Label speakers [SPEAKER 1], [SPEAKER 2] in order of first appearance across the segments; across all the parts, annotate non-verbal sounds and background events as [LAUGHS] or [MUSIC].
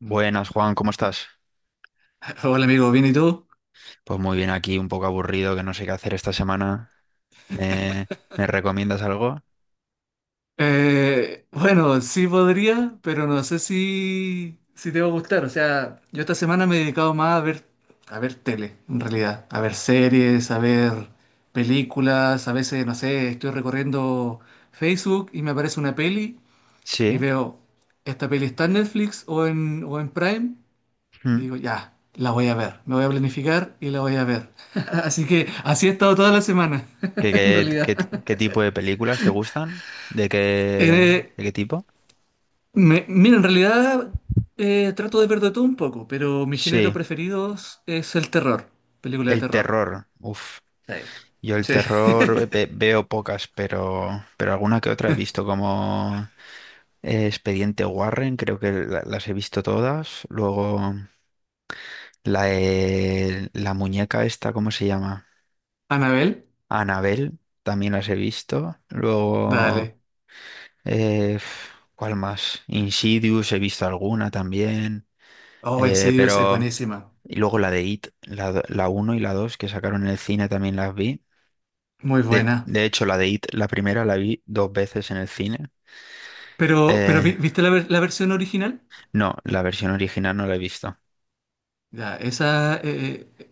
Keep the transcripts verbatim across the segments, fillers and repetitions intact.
[SPEAKER 1] Buenas, Juan, ¿cómo estás?
[SPEAKER 2] Hola amigo, ¿bien y tú?
[SPEAKER 1] Pues muy bien aquí, un poco aburrido, que no sé qué hacer esta semana. ¿Me, me recomiendas algo?
[SPEAKER 2] Eh, bueno, sí podría, pero no sé si, si te va a gustar. O sea, yo esta semana me he dedicado más a ver, a ver tele, en realidad. A ver series, a ver películas. A veces, no sé, estoy recorriendo Facebook y me aparece una peli y
[SPEAKER 1] Sí.
[SPEAKER 2] veo, esta peli está en Netflix o en, o en Prime. Y
[SPEAKER 1] Mm.
[SPEAKER 2] digo, ya, la voy a ver. Me voy a planificar y la voy a ver. [LAUGHS] Así que así he estado toda la semana, [LAUGHS]
[SPEAKER 1] ¿Qué,
[SPEAKER 2] en
[SPEAKER 1] qué,
[SPEAKER 2] realidad.
[SPEAKER 1] qué, qué tipo de películas te gustan? ¿De qué,
[SPEAKER 2] Eh,
[SPEAKER 1] de qué tipo?
[SPEAKER 2] Me- mira, en realidad eh, trato de ver de todo un poco, pero mi género
[SPEAKER 1] Sí,
[SPEAKER 2] preferido es el terror, película de
[SPEAKER 1] el
[SPEAKER 2] terror.
[SPEAKER 1] terror. Uf,
[SPEAKER 2] Sí.
[SPEAKER 1] yo el
[SPEAKER 2] Sí.
[SPEAKER 1] terror ve- veo pocas, pero, pero alguna que otra he visto, como eh, Expediente Warren, creo que la- las he visto todas. Luego la, de- la muñeca esta, ¿cómo se llama?
[SPEAKER 2] Anabel,
[SPEAKER 1] Anabel, también las he visto.
[SPEAKER 2] dale.
[SPEAKER 1] Luego, eh, f- ¿cuál más? Insidious, he visto alguna también.
[SPEAKER 2] Oh, en
[SPEAKER 1] Eh,
[SPEAKER 2] serio, es es
[SPEAKER 1] pero,
[SPEAKER 2] buenísima.
[SPEAKER 1] y luego la de It, la, do- la uno y la dos que sacaron en el cine también las vi.
[SPEAKER 2] Muy
[SPEAKER 1] De,
[SPEAKER 2] buena.
[SPEAKER 1] de hecho, la de It, la primera la vi dos veces en el cine.
[SPEAKER 2] Pero, pero
[SPEAKER 1] Eh,
[SPEAKER 2] vi- ¿viste la, ver- la versión original?
[SPEAKER 1] no, la versión original no la he visto.
[SPEAKER 2] Ya, esa... eh, eh,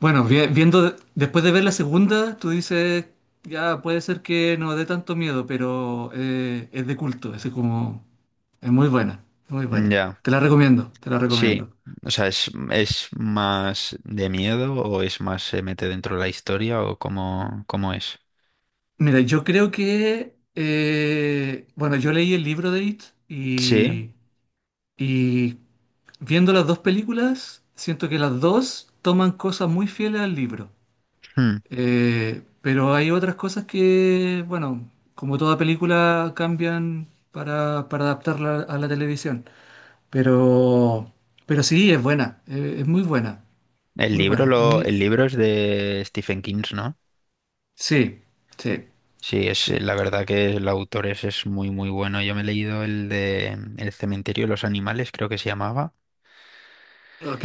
[SPEAKER 2] bueno, vi- Viendo... Después de ver la segunda, tú dices... Ya, puede ser que no dé tanto miedo, pero eh, es de culto. Es como... Es muy buena, muy buena.
[SPEAKER 1] Ya,
[SPEAKER 2] Te la recomiendo, te la
[SPEAKER 1] sí.
[SPEAKER 2] recomiendo.
[SPEAKER 1] O sea, ¿es, es más de miedo o es más se mete dentro de la historia o cómo, cómo es?
[SPEAKER 2] Mira, yo creo que, eh, bueno, yo leí el libro de It
[SPEAKER 1] Sí.
[SPEAKER 2] y, y viendo las dos películas, siento que las dos toman cosas muy fieles al libro.
[SPEAKER 1] Hmm.
[SPEAKER 2] Eh, pero hay otras cosas que, bueno, como toda película, cambian para, para adaptarla a la televisión. Pero, pero sí, es buena, eh, es muy buena,
[SPEAKER 1] El
[SPEAKER 2] muy
[SPEAKER 1] libro,
[SPEAKER 2] buena. A
[SPEAKER 1] lo,
[SPEAKER 2] mí,
[SPEAKER 1] el libro es de Stephen King, ¿no?
[SPEAKER 2] sí, sí,
[SPEAKER 1] Sí, es eh,
[SPEAKER 2] sí.
[SPEAKER 1] la verdad que el autor es, es muy muy bueno. Yo me he leído el de mm, El cementerio de los animales, creo que se llamaba,
[SPEAKER 2] Ok.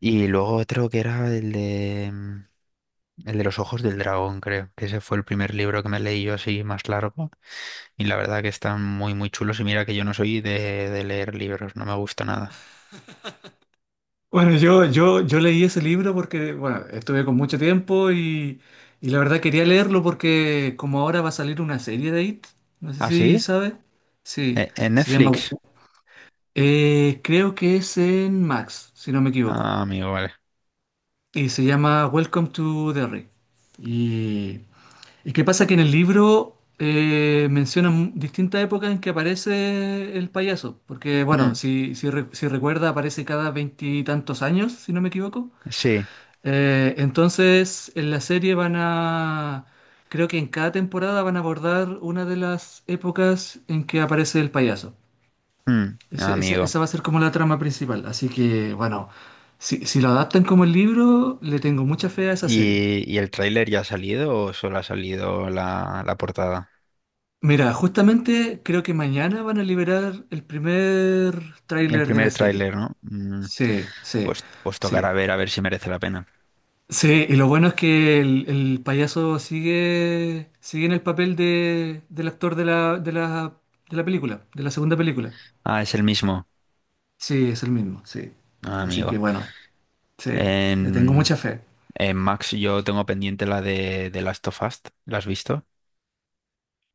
[SPEAKER 1] y luego otro que era el de mm, el de los ojos del dragón, creo, que ese fue el primer libro que me leí yo así más largo, y la verdad que están muy muy chulos. Y mira que yo no soy de, de leer libros, no me gusta nada.
[SPEAKER 2] Bueno, yo, yo, yo leí ese libro porque, bueno, estuve con mucho tiempo y, y la verdad quería leerlo porque como ahora va a salir una serie de I T, no sé
[SPEAKER 1] ¿Ah,
[SPEAKER 2] si
[SPEAKER 1] sí?
[SPEAKER 2] sabe, sí,
[SPEAKER 1] ¿E- ¿En
[SPEAKER 2] se llama,
[SPEAKER 1] Netflix?
[SPEAKER 2] eh, creo que es en Max, si no me equivoco,
[SPEAKER 1] Ah, amigo, vale.
[SPEAKER 2] y se llama Welcome to Derry. Y, y qué pasa que en el libro eh, mencionan distintas épocas en que aparece el payaso, porque, bueno,
[SPEAKER 1] Mm,
[SPEAKER 2] si, si, re- si recuerda aparece cada veintitantos años, si no me equivoco.
[SPEAKER 1] sí,
[SPEAKER 2] Eh, entonces, en la serie van a, creo que en cada temporada van a abordar una de las épocas en que aparece el payaso.
[SPEAKER 1] mm,
[SPEAKER 2] Ese- ese-
[SPEAKER 1] amigo.
[SPEAKER 2] esa va a ser como la trama principal. Así que, bueno, si, si lo adaptan como el libro, le tengo mucha fe a esa serie.
[SPEAKER 1] ¿Y, y el tráiler ya ha salido o solo ha salido la, la portada?
[SPEAKER 2] Mira, justamente creo que mañana van a liberar el primer
[SPEAKER 1] El
[SPEAKER 2] tráiler de la
[SPEAKER 1] primer
[SPEAKER 2] serie.
[SPEAKER 1] tráiler, ¿no? Mm,
[SPEAKER 2] Sí, sí,
[SPEAKER 1] pues, pues
[SPEAKER 2] sí.
[SPEAKER 1] tocará ver a ver si merece la pena.
[SPEAKER 2] Sí, y lo bueno es que el, el payaso sigue, sigue en el papel de, del actor de la, de la, de la película, de la segunda película.
[SPEAKER 1] Ah, es el mismo.
[SPEAKER 2] Sí, es el mismo, sí.
[SPEAKER 1] Ah,
[SPEAKER 2] Así
[SPEAKER 1] amigo.
[SPEAKER 2] que bueno, sí, le tengo
[SPEAKER 1] En,
[SPEAKER 2] mucha fe.
[SPEAKER 1] en Max yo tengo pendiente la de, de Last of Us. ¿La has visto?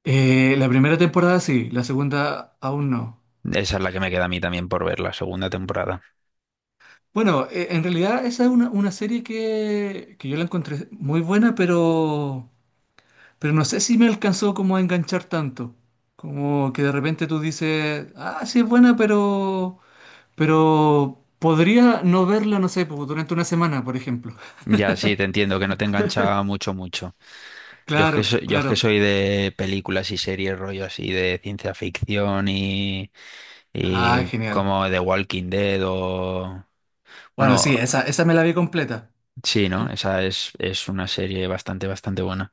[SPEAKER 2] Eh, la primera temporada sí, la segunda aún no.
[SPEAKER 1] Esa es la que me queda a mí también por ver, la segunda temporada.
[SPEAKER 2] Bueno, eh, en realidad esa es una, una serie que, que yo la encontré muy buena, pero, pero no sé si me alcanzó como a enganchar tanto. Como que de repente tú dices, ah, sí es buena, pero... Pero podría no verla, no sé, pues, durante una semana, por ejemplo.
[SPEAKER 1] Ya, sí, te entiendo, que no te engancha mucho, mucho. Yo es que
[SPEAKER 2] Claro,
[SPEAKER 1] soy, yo es
[SPEAKER 2] claro.
[SPEAKER 1] que soy de películas y series, rollo así, de ciencia ficción y,
[SPEAKER 2] Ah,
[SPEAKER 1] y
[SPEAKER 2] genial.
[SPEAKER 1] como The Walking Dead o...
[SPEAKER 2] Bueno,
[SPEAKER 1] Bueno,
[SPEAKER 2] sí, esa, esa me la vi completa.
[SPEAKER 1] sí, ¿no? Esa es, es una serie bastante, bastante buena.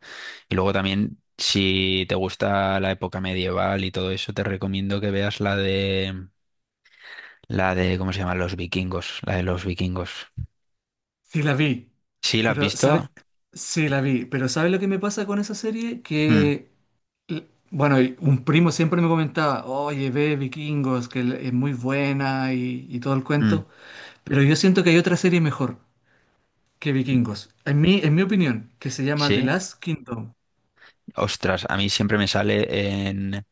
[SPEAKER 1] Y luego también, si te gusta la época medieval y todo eso, te recomiendo que veas la de... La de, ¿cómo se llama? Los vikingos, la de los vikingos.
[SPEAKER 2] Sí, la vi.
[SPEAKER 1] ¿Sí, la has
[SPEAKER 2] Pero, ¿sabes?
[SPEAKER 1] visto?
[SPEAKER 2] Sí, la vi. Pero, ¿sabes lo que me pasa con esa serie?
[SPEAKER 1] Mm,
[SPEAKER 2] Que, l- bueno, y un primo siempre me comentaba, oye, ve Vikingos, que l- es muy buena y, y todo el
[SPEAKER 1] mm,
[SPEAKER 2] cuento. Pero yo siento que hay otra serie mejor que Vikingos. En mi, en mi opinión, que se llama The
[SPEAKER 1] Sí.
[SPEAKER 2] Last Kingdom.
[SPEAKER 1] Ostras, a mí siempre me sale en,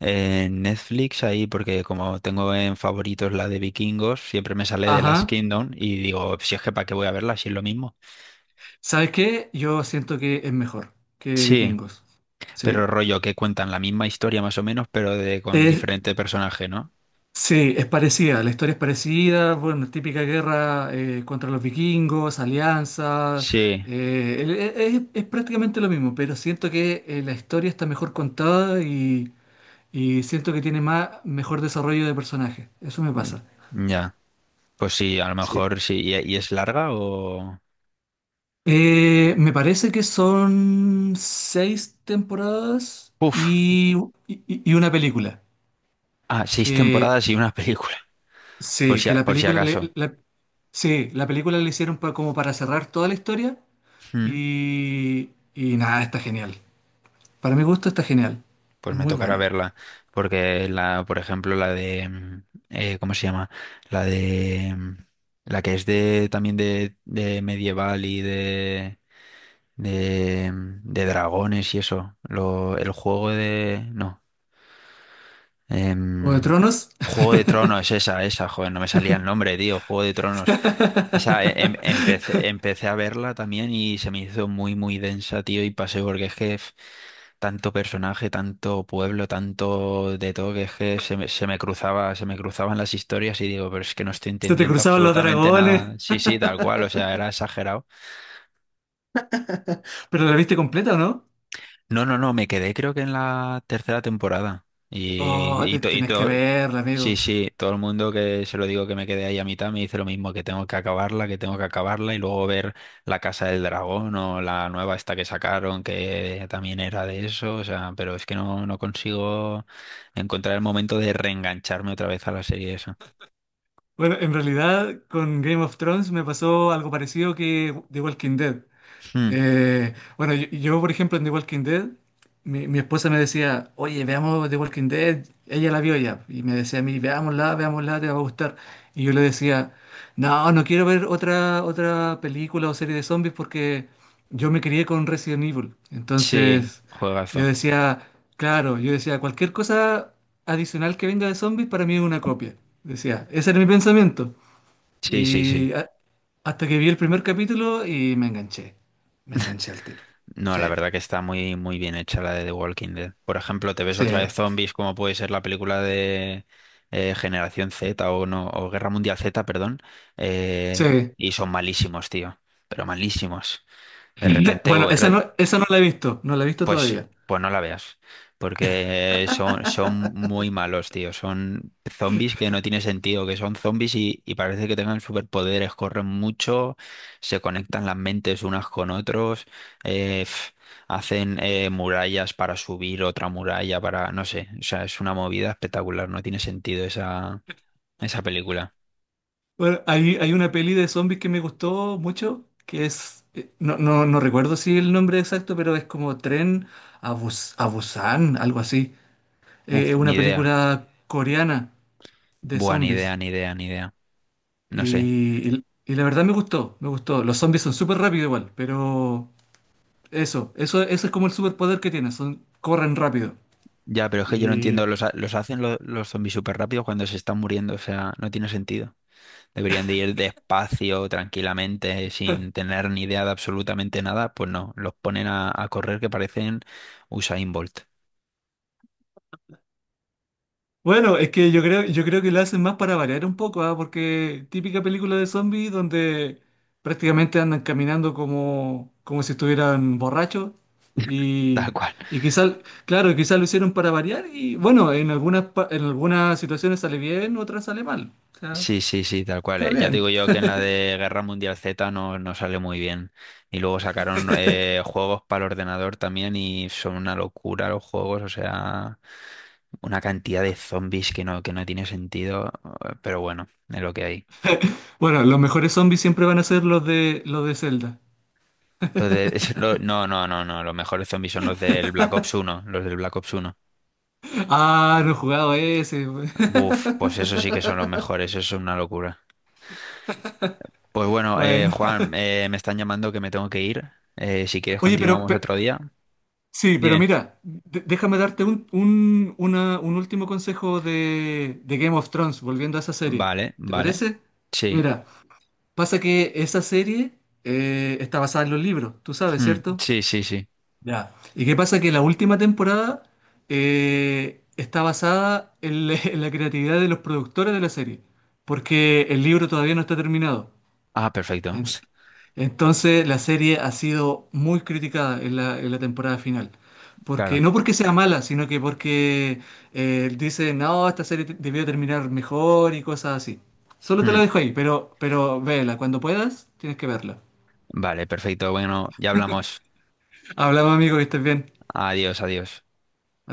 [SPEAKER 1] en Netflix ahí, porque como tengo en favoritos la de Vikingos, siempre me sale de Last
[SPEAKER 2] Ajá.
[SPEAKER 1] Kingdom y digo, si es que para qué voy a verla, si es lo mismo.
[SPEAKER 2] ¿Sabes qué? Yo siento que es mejor que
[SPEAKER 1] Sí,
[SPEAKER 2] Vikingos. Sí.
[SPEAKER 1] pero rollo que cuentan la misma historia más o menos, pero de con
[SPEAKER 2] Es,
[SPEAKER 1] diferente personaje, ¿no?
[SPEAKER 2] sí, es parecida, la historia es parecida, bueno, típica guerra eh, contra los vikingos, alianza,
[SPEAKER 1] Sí,
[SPEAKER 2] eh, el- e- es, es prácticamente lo mismo, pero siento que eh, la historia está mejor contada y, y siento que tiene más, mejor desarrollo de personajes, eso me pasa.
[SPEAKER 1] mm, ya. Pues sí, a lo
[SPEAKER 2] Sí.
[SPEAKER 1] mejor sí. ¿Y, y es larga o...?
[SPEAKER 2] Eh, me parece que son seis temporadas
[SPEAKER 1] Uf,
[SPEAKER 2] y, y- y una película,
[SPEAKER 1] ah, seis
[SPEAKER 2] que
[SPEAKER 1] temporadas y una [LAUGHS] película, por
[SPEAKER 2] sí,
[SPEAKER 1] si,
[SPEAKER 2] que
[SPEAKER 1] a-
[SPEAKER 2] la
[SPEAKER 1] por si
[SPEAKER 2] película le,
[SPEAKER 1] acaso.
[SPEAKER 2] la- sí, la película le hicieron pa- como para cerrar toda la historia
[SPEAKER 1] Hmm.
[SPEAKER 2] y, y nada, está genial. Para mi gusto está genial.
[SPEAKER 1] Pues
[SPEAKER 2] Es
[SPEAKER 1] me
[SPEAKER 2] muy
[SPEAKER 1] tocará
[SPEAKER 2] buena.
[SPEAKER 1] verla, porque la, por ejemplo, la de, mm, eh, ¿cómo se llama? La de, mm, la que es de, también de, de medieval y de, de, mm, de dragones y eso. Lo, el juego de, no.
[SPEAKER 2] O de
[SPEAKER 1] Em,
[SPEAKER 2] Tronos.
[SPEAKER 1] Juego de Tronos, esa, esa, joder, no me salía el nombre, tío. Juego de Tronos. Esa, eh, em-
[SPEAKER 2] [LAUGHS]
[SPEAKER 1] empecé, empecé a verla también y se me hizo muy, muy densa, tío, y pasé porque es que f- tanto personaje, tanto pueblo, tanto de todo, que es que se me, se me cruzaba, se me cruzaban las historias y digo, pero es que no estoy
[SPEAKER 2] Se te
[SPEAKER 1] entendiendo
[SPEAKER 2] cruzaban los
[SPEAKER 1] absolutamente
[SPEAKER 2] dragones.
[SPEAKER 1] nada. Sí, sí, tal cual, o sea, era exagerado.
[SPEAKER 2] ¿Pero la viste completa o no?
[SPEAKER 1] No, no, no, me quedé creo que en la tercera temporada.
[SPEAKER 2] Oh,
[SPEAKER 1] Y, y,
[SPEAKER 2] te-
[SPEAKER 1] to- y
[SPEAKER 2] tenés que
[SPEAKER 1] to-
[SPEAKER 2] verla,
[SPEAKER 1] sí,
[SPEAKER 2] amigo.
[SPEAKER 1] sí, todo el mundo que se lo digo que me quedé ahí a mitad me dice lo mismo, que tengo que acabarla, que tengo que acabarla y luego ver La Casa del Dragón o la nueva esta que sacaron que también era de eso, o sea, pero es que no, no consigo encontrar el momento de reengancharme otra vez a la serie esa.
[SPEAKER 2] Bueno, en realidad con Game of Thrones me pasó algo parecido que The Walking Dead.
[SPEAKER 1] Hmm,
[SPEAKER 2] Eh, bueno, yo, yo, por ejemplo, en The Walking Dead, mi, mi esposa me decía, oye, veamos The Walking Dead, ella la vio ya, y me decía a mí, veámosla, veámosla, te va a gustar. Y yo le decía, no, no quiero ver otra, otra película o serie de zombies porque yo me crié con Resident Evil.
[SPEAKER 1] sí,
[SPEAKER 2] Entonces, yo
[SPEAKER 1] juegazo.
[SPEAKER 2] decía, claro, yo decía, cualquier cosa adicional que venga de zombies para mí es una copia. Decía, ese era mi pensamiento.
[SPEAKER 1] Sí, sí, sí.
[SPEAKER 2] Y ah, Hasta que vi el primer capítulo y me enganché. Me enganché al tiro.
[SPEAKER 1] No,
[SPEAKER 2] Sí,
[SPEAKER 1] la verdad que está muy, muy bien hecha la de The Walking Dead. Por ejemplo, te ves
[SPEAKER 2] sí,
[SPEAKER 1] otra vez zombies, como puede ser la película de eh, Generación Z o no, o Guerra Mundial Z, perdón, eh,
[SPEAKER 2] sí.
[SPEAKER 1] y son malísimos, tío, pero malísimos. De
[SPEAKER 2] Sí. [LAUGHS]
[SPEAKER 1] repente,
[SPEAKER 2] Bueno,
[SPEAKER 1] o-
[SPEAKER 2] esa
[SPEAKER 1] re-
[SPEAKER 2] no, esa no la he visto, no la he visto
[SPEAKER 1] pues,
[SPEAKER 2] todavía.
[SPEAKER 1] pues no la veas, porque son, son muy malos, tío. Son zombies que no tiene sentido, que son zombies y, y parece que tengan superpoderes, corren mucho, se conectan las mentes unas con otros, eh, pf, hacen eh, murallas para subir otra muralla para, no sé, o sea, es una movida espectacular, no tiene sentido esa, esa película.
[SPEAKER 2] Bueno, hay, hay una peli de zombies que me gustó mucho, que es, eh, no, no, no recuerdo si el nombre exacto, pero es como Tren a, Bus- a Busan, algo así. Eh, Es
[SPEAKER 1] Uf, ni
[SPEAKER 2] una
[SPEAKER 1] idea.
[SPEAKER 2] película coreana de
[SPEAKER 1] Buah, ni idea,
[SPEAKER 2] zombies.
[SPEAKER 1] ni idea, ni idea. No sé.
[SPEAKER 2] Y, y- y la verdad me gustó, me gustó. Los zombies son súper rápidos igual, pero, Eso, eso, eso es como el superpoder que tienen, son, corren rápido.
[SPEAKER 1] Ya, pero es que yo no
[SPEAKER 2] Y
[SPEAKER 1] entiendo, los, ha- los hacen lo- los zombies súper rápido cuando se están muriendo, o sea, no tiene sentido. Deberían de ir despacio, tranquilamente, sin tener ni idea de absolutamente nada, pues no, los ponen a, a correr que parecen Usain Bolt,
[SPEAKER 2] bueno, es que yo creo, yo creo que lo hacen más para variar un poco, ¿ah? Porque típica película de zombies donde prácticamente andan caminando como, como si estuvieran borrachos.
[SPEAKER 1] [LAUGHS] tal
[SPEAKER 2] Y,
[SPEAKER 1] cual.
[SPEAKER 2] y quizás, claro, quizás lo hicieron para variar y bueno, en algunas, pa- en algunas situaciones sale bien, otras sale mal. O sea,
[SPEAKER 1] Sí, sí, sí, tal cual.
[SPEAKER 2] está
[SPEAKER 1] Eh. Ya te
[SPEAKER 2] bien.
[SPEAKER 1] digo yo que en la de Guerra Mundial Z no, no sale muy bien. Y luego sacaron eh, juegos para el ordenador también y son una locura los juegos, o sea, una cantidad de zombies que no, que no tiene sentido, eh, pero bueno, es lo que hay.
[SPEAKER 2] Bueno, los mejores zombies siempre van a ser los de, los de Zelda.
[SPEAKER 1] Los de, es- lo- no, no, no, no, los mejores zombies son los del Black Ops uno, los del Black Ops uno.
[SPEAKER 2] Ah, no he jugado ese. [LAUGHS]
[SPEAKER 1] Buf, pues eso sí que son los mejores, eso es una locura. Pues bueno, eh,
[SPEAKER 2] Bueno.
[SPEAKER 1] Juan, eh, me están llamando que me tengo que ir. Eh, si quieres
[SPEAKER 2] Oye, pero,
[SPEAKER 1] continuamos
[SPEAKER 2] pe-
[SPEAKER 1] otro día.
[SPEAKER 2] sí, pero
[SPEAKER 1] Bien.
[SPEAKER 2] mira, de- déjame darte un, un- una- un último consejo de, de Game of Thrones, volviendo a esa serie.
[SPEAKER 1] Vale,
[SPEAKER 2] ¿Te
[SPEAKER 1] vale.
[SPEAKER 2] parece?
[SPEAKER 1] Sí.
[SPEAKER 2] Mira, pasa que esa serie eh, está basada en los libros, tú sabes,
[SPEAKER 1] Mm,
[SPEAKER 2] ¿cierto?
[SPEAKER 1] Sí, sí, sí.
[SPEAKER 2] Ya. ¿Y qué pasa? Que la última temporada eh, está basada en la, [LAUGHS] en la creatividad de los productores de la serie, porque el libro todavía no está terminado.
[SPEAKER 1] Ah, perfecto. [LAUGHS]
[SPEAKER 2] Entonces la serie ha sido muy criticada en la, en la temporada final.
[SPEAKER 1] Claro.
[SPEAKER 2] Porque, no porque sea mala, sino que porque eh, dice, no, esta serie te- debió terminar mejor y cosas así. Solo te lo
[SPEAKER 1] Mm,
[SPEAKER 2] dejo ahí, pero, pero vela, cuando puedas, tienes que verla.
[SPEAKER 1] Vale, perfecto. Bueno, ya hablamos.
[SPEAKER 2] Hablamos, amigo, que estés bien.
[SPEAKER 1] Adiós, adiós.